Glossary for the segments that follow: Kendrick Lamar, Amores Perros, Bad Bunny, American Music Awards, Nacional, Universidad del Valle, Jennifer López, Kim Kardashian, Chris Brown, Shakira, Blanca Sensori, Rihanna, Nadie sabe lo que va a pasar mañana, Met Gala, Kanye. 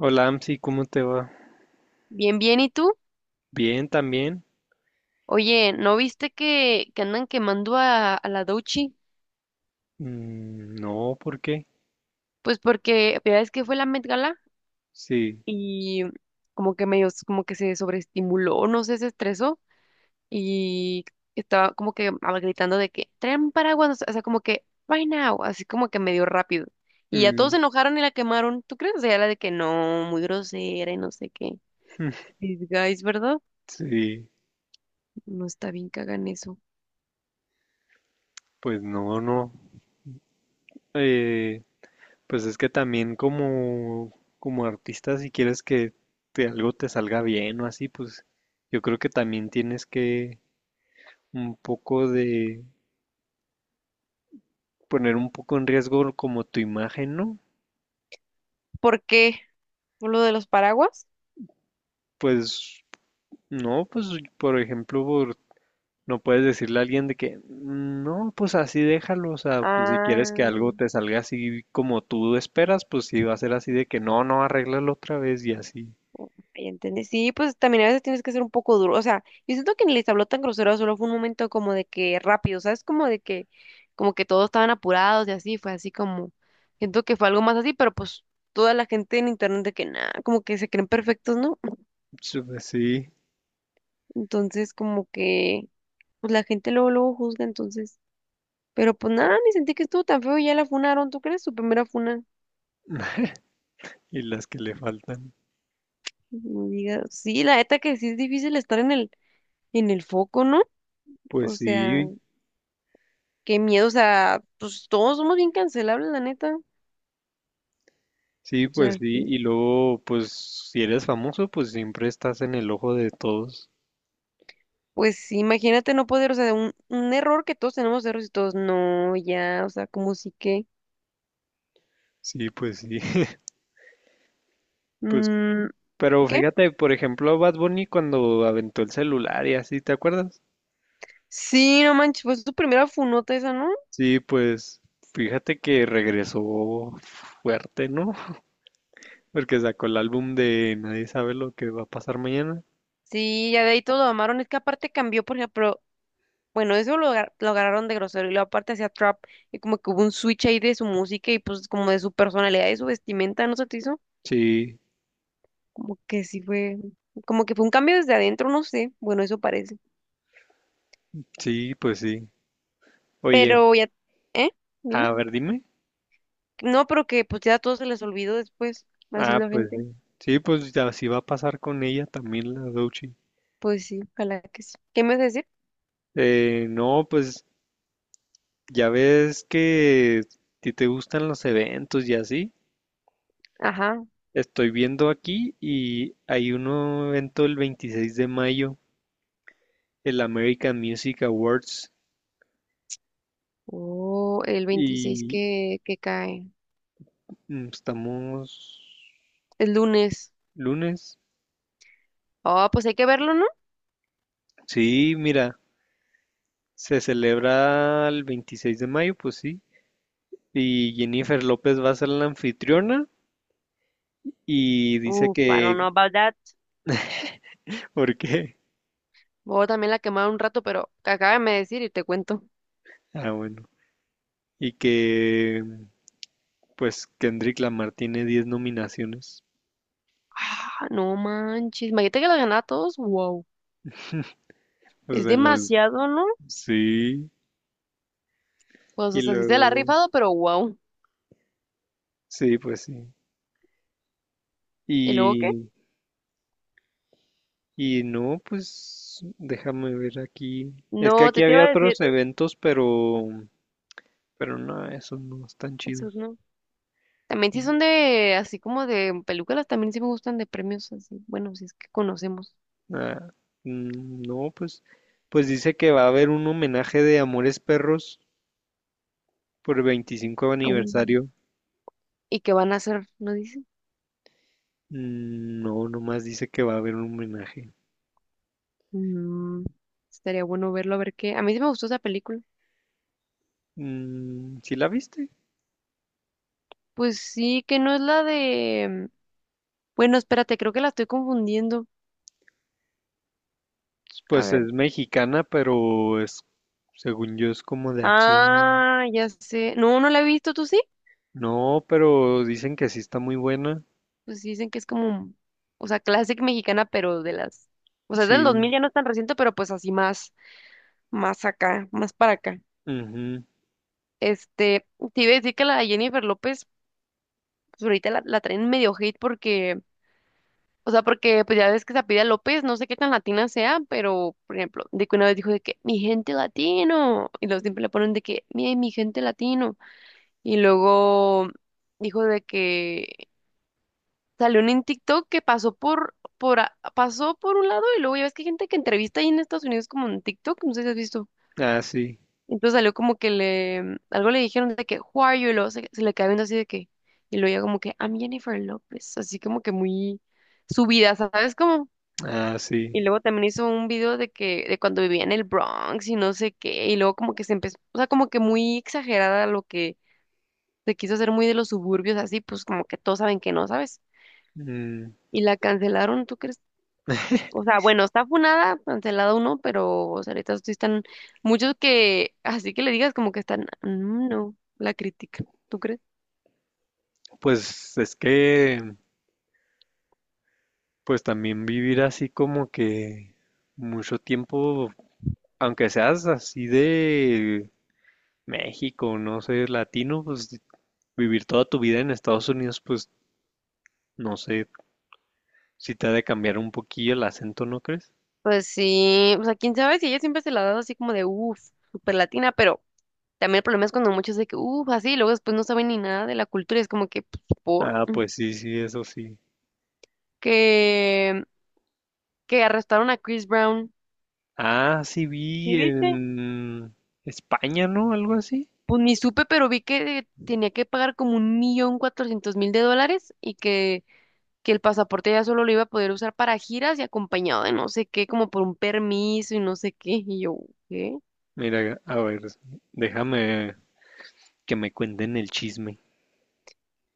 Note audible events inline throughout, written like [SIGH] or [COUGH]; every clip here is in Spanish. Hola, Amsi, ¿cómo te va? Bien, bien, ¿y tú? Bien, también. Oye, ¿no viste que andan quemando a la Dochi? Mm, no, ¿por qué? Pues porque ya es que fue la Met Gala Sí. y como que medio, como que se sobreestimuló, no sé, se estresó y estaba como que gritando de que traen paraguas, no sé, o sea, como que right now, así como que medio rápido. Y ya todos Mm. se enojaron y la quemaron, ¿tú crees? O sea, la de que no, muy grosera y no sé qué. [LAUGHS] These guys, ¿verdad? Sí, No está bien que hagan eso. pues no. Eh, pues es que también como, como artista, si quieres que algo te salga bien o así, pues yo creo que también tienes que un poco de poner un poco en riesgo como tu imagen, ¿no? ¿Por qué? ¿Por lo de los paraguas? Pues no, pues por ejemplo, no puedes decirle a alguien de que, no, pues así déjalo, o sea, pues si quieres que Ah. algo te salga así como tú esperas, pues sí va a ser así de que, no, arréglalo otra vez y así. Ya entendí. Sí, pues también a veces tienes que ser un poco duro. O sea, yo siento que ni les habló tan grosero, solo fue un momento como de que rápido, ¿sabes? Como de que, como que todos estaban apurados y así, fue así como, siento que fue algo más así, pero pues toda la gente en internet de que nada, como que se creen perfectos, ¿no? Sí, pues sí, Entonces, como que, pues la gente luego, luego juzga, entonces. Pero pues nada, ni sentí que estuvo tan feo y ya la funaron, ¿tú crees? Su primera funa. y las que le faltan. No digas. Sí, la neta que sí es difícil estar en en el foco, ¿no? Pues O sea. sí, Qué miedo, o sea, pues todos somos bien cancelables, la neta. sí, O pues sea, sí, y luego, pues si eres famoso, pues siempre estás en el ojo de todos. pues sí, imagínate no poder, o sea, de un error que todos tenemos errores y todos, no, ya, o sea, como sí que. Sí, pues sí. [LAUGHS] Pues, mm, pero ¿Qué? fíjate, por ejemplo, Bad Bunny cuando aventó el celular y así, ¿te acuerdas? Sí, no manches, pues tu primera funota esa, ¿no? Sí, pues, fíjate que regresó fuerte, ¿no? Porque sacó el álbum de Nadie sabe lo que va a pasar mañana. Sí, ya de ahí todo lo amaron. Es que aparte cambió, por ejemplo, bueno, eso lo, lo agarraron de grosero y luego aparte hacía trap y como que hubo un switch ahí de su música y pues como de su personalidad y su vestimenta, ¿no se te hizo? Sí, Como que sí fue, como que fue un cambio desde adentro, no sé, bueno, eso parece. sí, pues sí. Oye, Pero ya, ¿eh? Dime. a ver, dime. No, pero que pues ya a todos se les olvidó después, así Ah, la pues gente. sí. Sí, pues ya así va a pasar con ella también la Dochi. Pues sí, ojalá que sí. ¿Qué me vas a decir? No, pues ya ves que a te gustan los eventos y así. Ajá. Estoy viendo aquí y hay un evento el 26 de mayo, el American Music Awards. Oh, el 26 Y que cae. Estamos El lunes. lunes. Oh, pues hay que verlo, ¿no? Sí, mira. Se celebra el 26 de mayo, pues sí. Y Jennifer López va a ser la anfitriona y dice Uf, I don't que... know about that. [LAUGHS] ¿Por qué? Voy también la quemar un rato, pero acábame de decir y te cuento. Ah, bueno. Y que pues Kendrick Lamar tiene 10 nominaciones. Ah, no manches. Imagínate que la ganaba a todos. Wow. O Es sea, en los... demasiado, ¿no? Sí. Pues, o Y sea, sí se la ha luego... rifado, pero wow. Sí, pues sí. ¿Y luego qué? Y, y no, pues déjame ver aquí. Es que No, aquí te iba había a decir. otros eventos, pero no, esos no están Eso chidos. no. También sí son de, así como de películas, también sí me gustan de premios así. Bueno, si es que conocemos. Ah, mm, no, pues, pues dice que va a haber un homenaje de Amores Perros por 25 Aún, aniversario. ¿y que van a hacer? ¿No dicen? Mm, no, nomás dice que va a haber un homenaje. Mm, estaría bueno verlo, a ver qué. A mí sí me gustó esa película. Mm, ¿sí la viste? Pues sí, que no es la de... Bueno, espérate, creo que la estoy confundiendo. A Pues ver. es mexicana, pero es, según yo, es como de acción. Ah, ya sé. No, no la he visto, ¿tú sí? No, pero dicen que sí está muy buena. Pues sí dicen que es como, o sea, clásica mexicana, pero de las... O sea, es del Sí. 2000, ya no es tan reciente, pero pues así más, más acá, más para acá. Ujú. Este, te iba a decir que la Jennifer López, pues ahorita la traen medio hate porque, o sea, porque pues ya ves que Pida López, no sé qué tan latina sea, pero, por ejemplo, de que una vez dijo de que mi gente latino, y luego siempre le ponen de que mi gente latino, y luego dijo de que salió un en TikTok que pasó pasó por un lado, y luego ya ves que hay gente que entrevista ahí en Estados Unidos como en TikTok, no sé si has visto. Ah, sí. Entonces salió como que le, algo le dijeron de que, who are you? Y luego se le queda viendo así de que, y luego ya como que, I'm Jennifer López, así como que muy subida, ¿sabes cómo? Ah, Y sí. luego también hizo un video de que, de cuando vivía en el Bronx y no sé qué, y luego como que se empezó, o sea, como que muy exagerada lo que se quiso hacer muy de los suburbios, así, pues como que todos saben que no, ¿sabes? Mm, Y la cancelaron, ¿tú crees? O sea, bueno, está funada, cancelado uno, pero o sea, ahorita sí están muchos que, así que le digas como que están, "Mm, no", la crítica, ¿tú crees? pues es que pues también vivir así como que mucho tiempo, aunque seas así de México, no sé, latino, pues vivir toda tu vida en Estados Unidos, pues no sé, si te ha de cambiar un poquillo el acento, ¿no crees? Pues sí, o sea, quién sabe si ella siempre se la ha dado así como de, uff, super latina, pero también el problema es cuando muchos de que, uff, así, y luego después no saben ni nada de la cultura, es como que, pues, por, Ah, mm, pues sí, sí, eso sí. que, que arrestaron a Chris Brown, Ah, sí ¿sí vi viste? en España, ¿no? Algo así. Pues ni supe, pero vi que tenía que pagar como 1,400,000 de dólares y que el pasaporte ya solo lo iba a poder usar para giras y acompañado de no sé qué, como por un permiso y no sé qué. Y yo, ¿qué? Mira, a ver, déjame que me cuenten el chisme.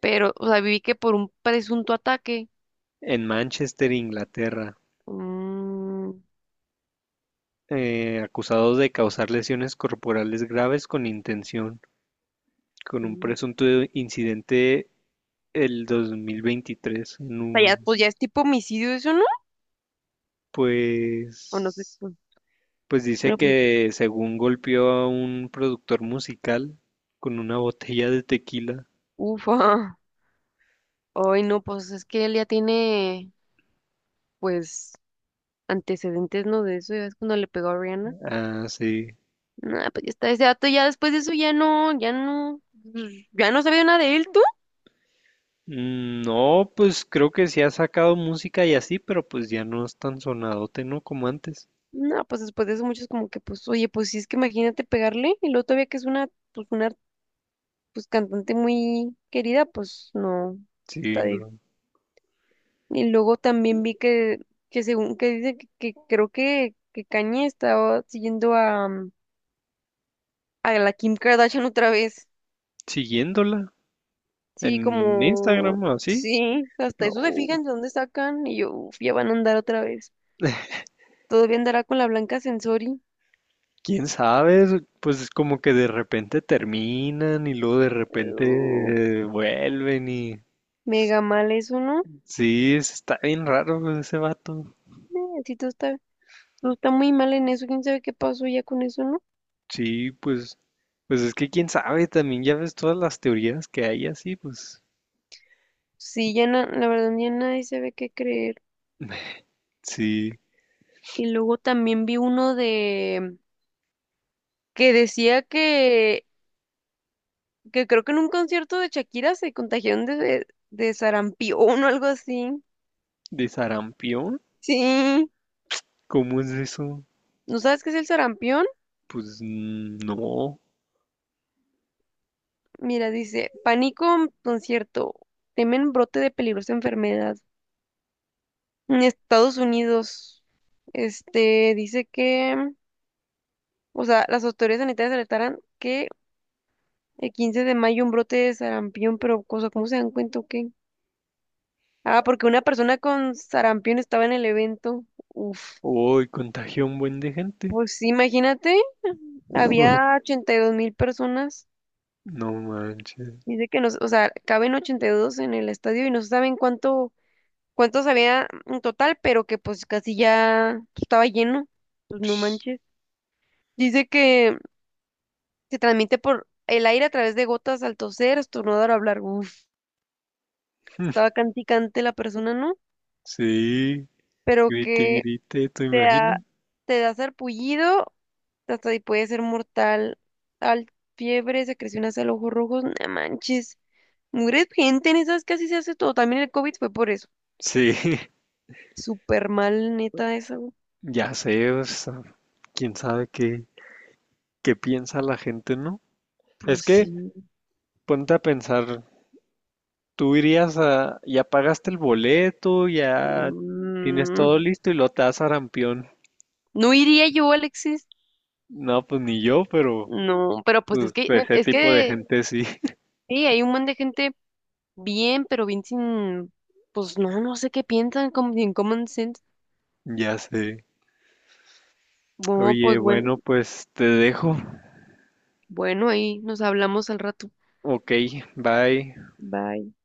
Pero, o sea, vi que por un presunto ataque. En Manchester, Inglaterra. Mm, Acusados de causar lesiones corporales graves con intención, con un mm. O presunto incidente el 2023 en sea, ya, un, pues ya es tipo homicidio eso, ¿no? O no sé, pues pues. pues dice Bueno, pues, que según golpeó a un productor musical con una botella de tequila. ufa. Ay, no, pues es que él ya tiene, pues, antecedentes, ¿no? De eso, ya ves cuando le pegó a Rihanna. Ah, sí. Nah, pues ya está ese dato, ya después de eso ya no, ya no, pues, ya no sabía nada de él. Mm, no, pues creo que sí ha sacado música y así, pero pues ya no es tan sonadote, ¿no? Como antes. No, pues después de eso muchos como que, pues, oye, pues si es que imagínate pegarle y luego todavía que es una, pues, cantante muy querida, pues, no, Sí, está no. difícil. Y luego también vi que según que dice que creo que Kanye estaba siguiendo a, a la Kim Kardashian otra vez. Siguiéndola Sí, en como, Instagram o así. sí, hasta No. eso se fijan de dónde sacan y yo, uf, ya van a andar otra vez. [LAUGHS] Todavía andará con la Blanca Sensori. Quién sabe, pues es como que de repente terminan y luego de Uh, repente vuelven y mega mal eso, ¿no? sí, está bien raro pues, ese vato. Sí, todo está. No, está muy mal en eso. ¿Quién sabe qué pasó ya con eso, no? Sí, pues, pues es que quién sabe, también ya ves todas las teorías que hay así, pues Sí, ya la verdad ya nadie sabe qué creer. sí, Y luego también vi uno de que decía que creo que en un concierto de Shakira se contagiaron de sarampión o algo así. de sarampión, Sí. ¿cómo es eso? ¿No sabes qué es el sarampión? Pues mm, no, Mira, dice, pánico en concierto, temen brote de peligrosa enfermedad. En Estados Unidos, este, dice que, o sea, las autoridades sanitarias alertaron que el 15 de mayo un brote de sarampión, pero cosa, ¿cómo se dan cuenta o qué? Ah, porque una persona con sarampión estaba en el evento. Uf, hoy contagió a un buen de gente. pues sí, imagínate, había [LAUGHS] 82,000 personas. No manches. Dice que nos, o sea, caben 82 en el estadio y no se saben cuánto, cuántos había en total, pero que pues casi ya estaba lleno. Pues no manches. [LAUGHS] Dice que se transmite por el aire a través de gotas al toser, estornudar o hablar. Uf, estaba canticante la persona, ¿no? Sí, Pero grite y que grite, ¿te te imaginas? da, te da sarpullido, hasta ahí puede ser mortal. Al fiebre, secreción hasta los ojos rojos, no manches. Mugre gente en esas casi se hace todo. También el COVID fue por eso. Sí. [LAUGHS] Súper mal, neta, eso. Ya sé, o sea, quién sabe qué, qué piensa la gente, ¿no? Pues Es que sí. ponte a pensar, tú irías a, ya pagaste el boleto, ya tienes todo Mm, listo y lo te das arampión. no iría yo, Alexis. No, pues ni yo, pero No, pero pues es pues que, ese es tipo de que, gente sí. [LAUGHS] sí, hay un montón de gente bien, pero bien sin, pues no, no sé qué piensan, como sin common sense. Ya sé. Bueno, Oye, pues bueno, bueno, pues te dejo. bueno, ahí nos hablamos al rato. Ok, bye. Bye.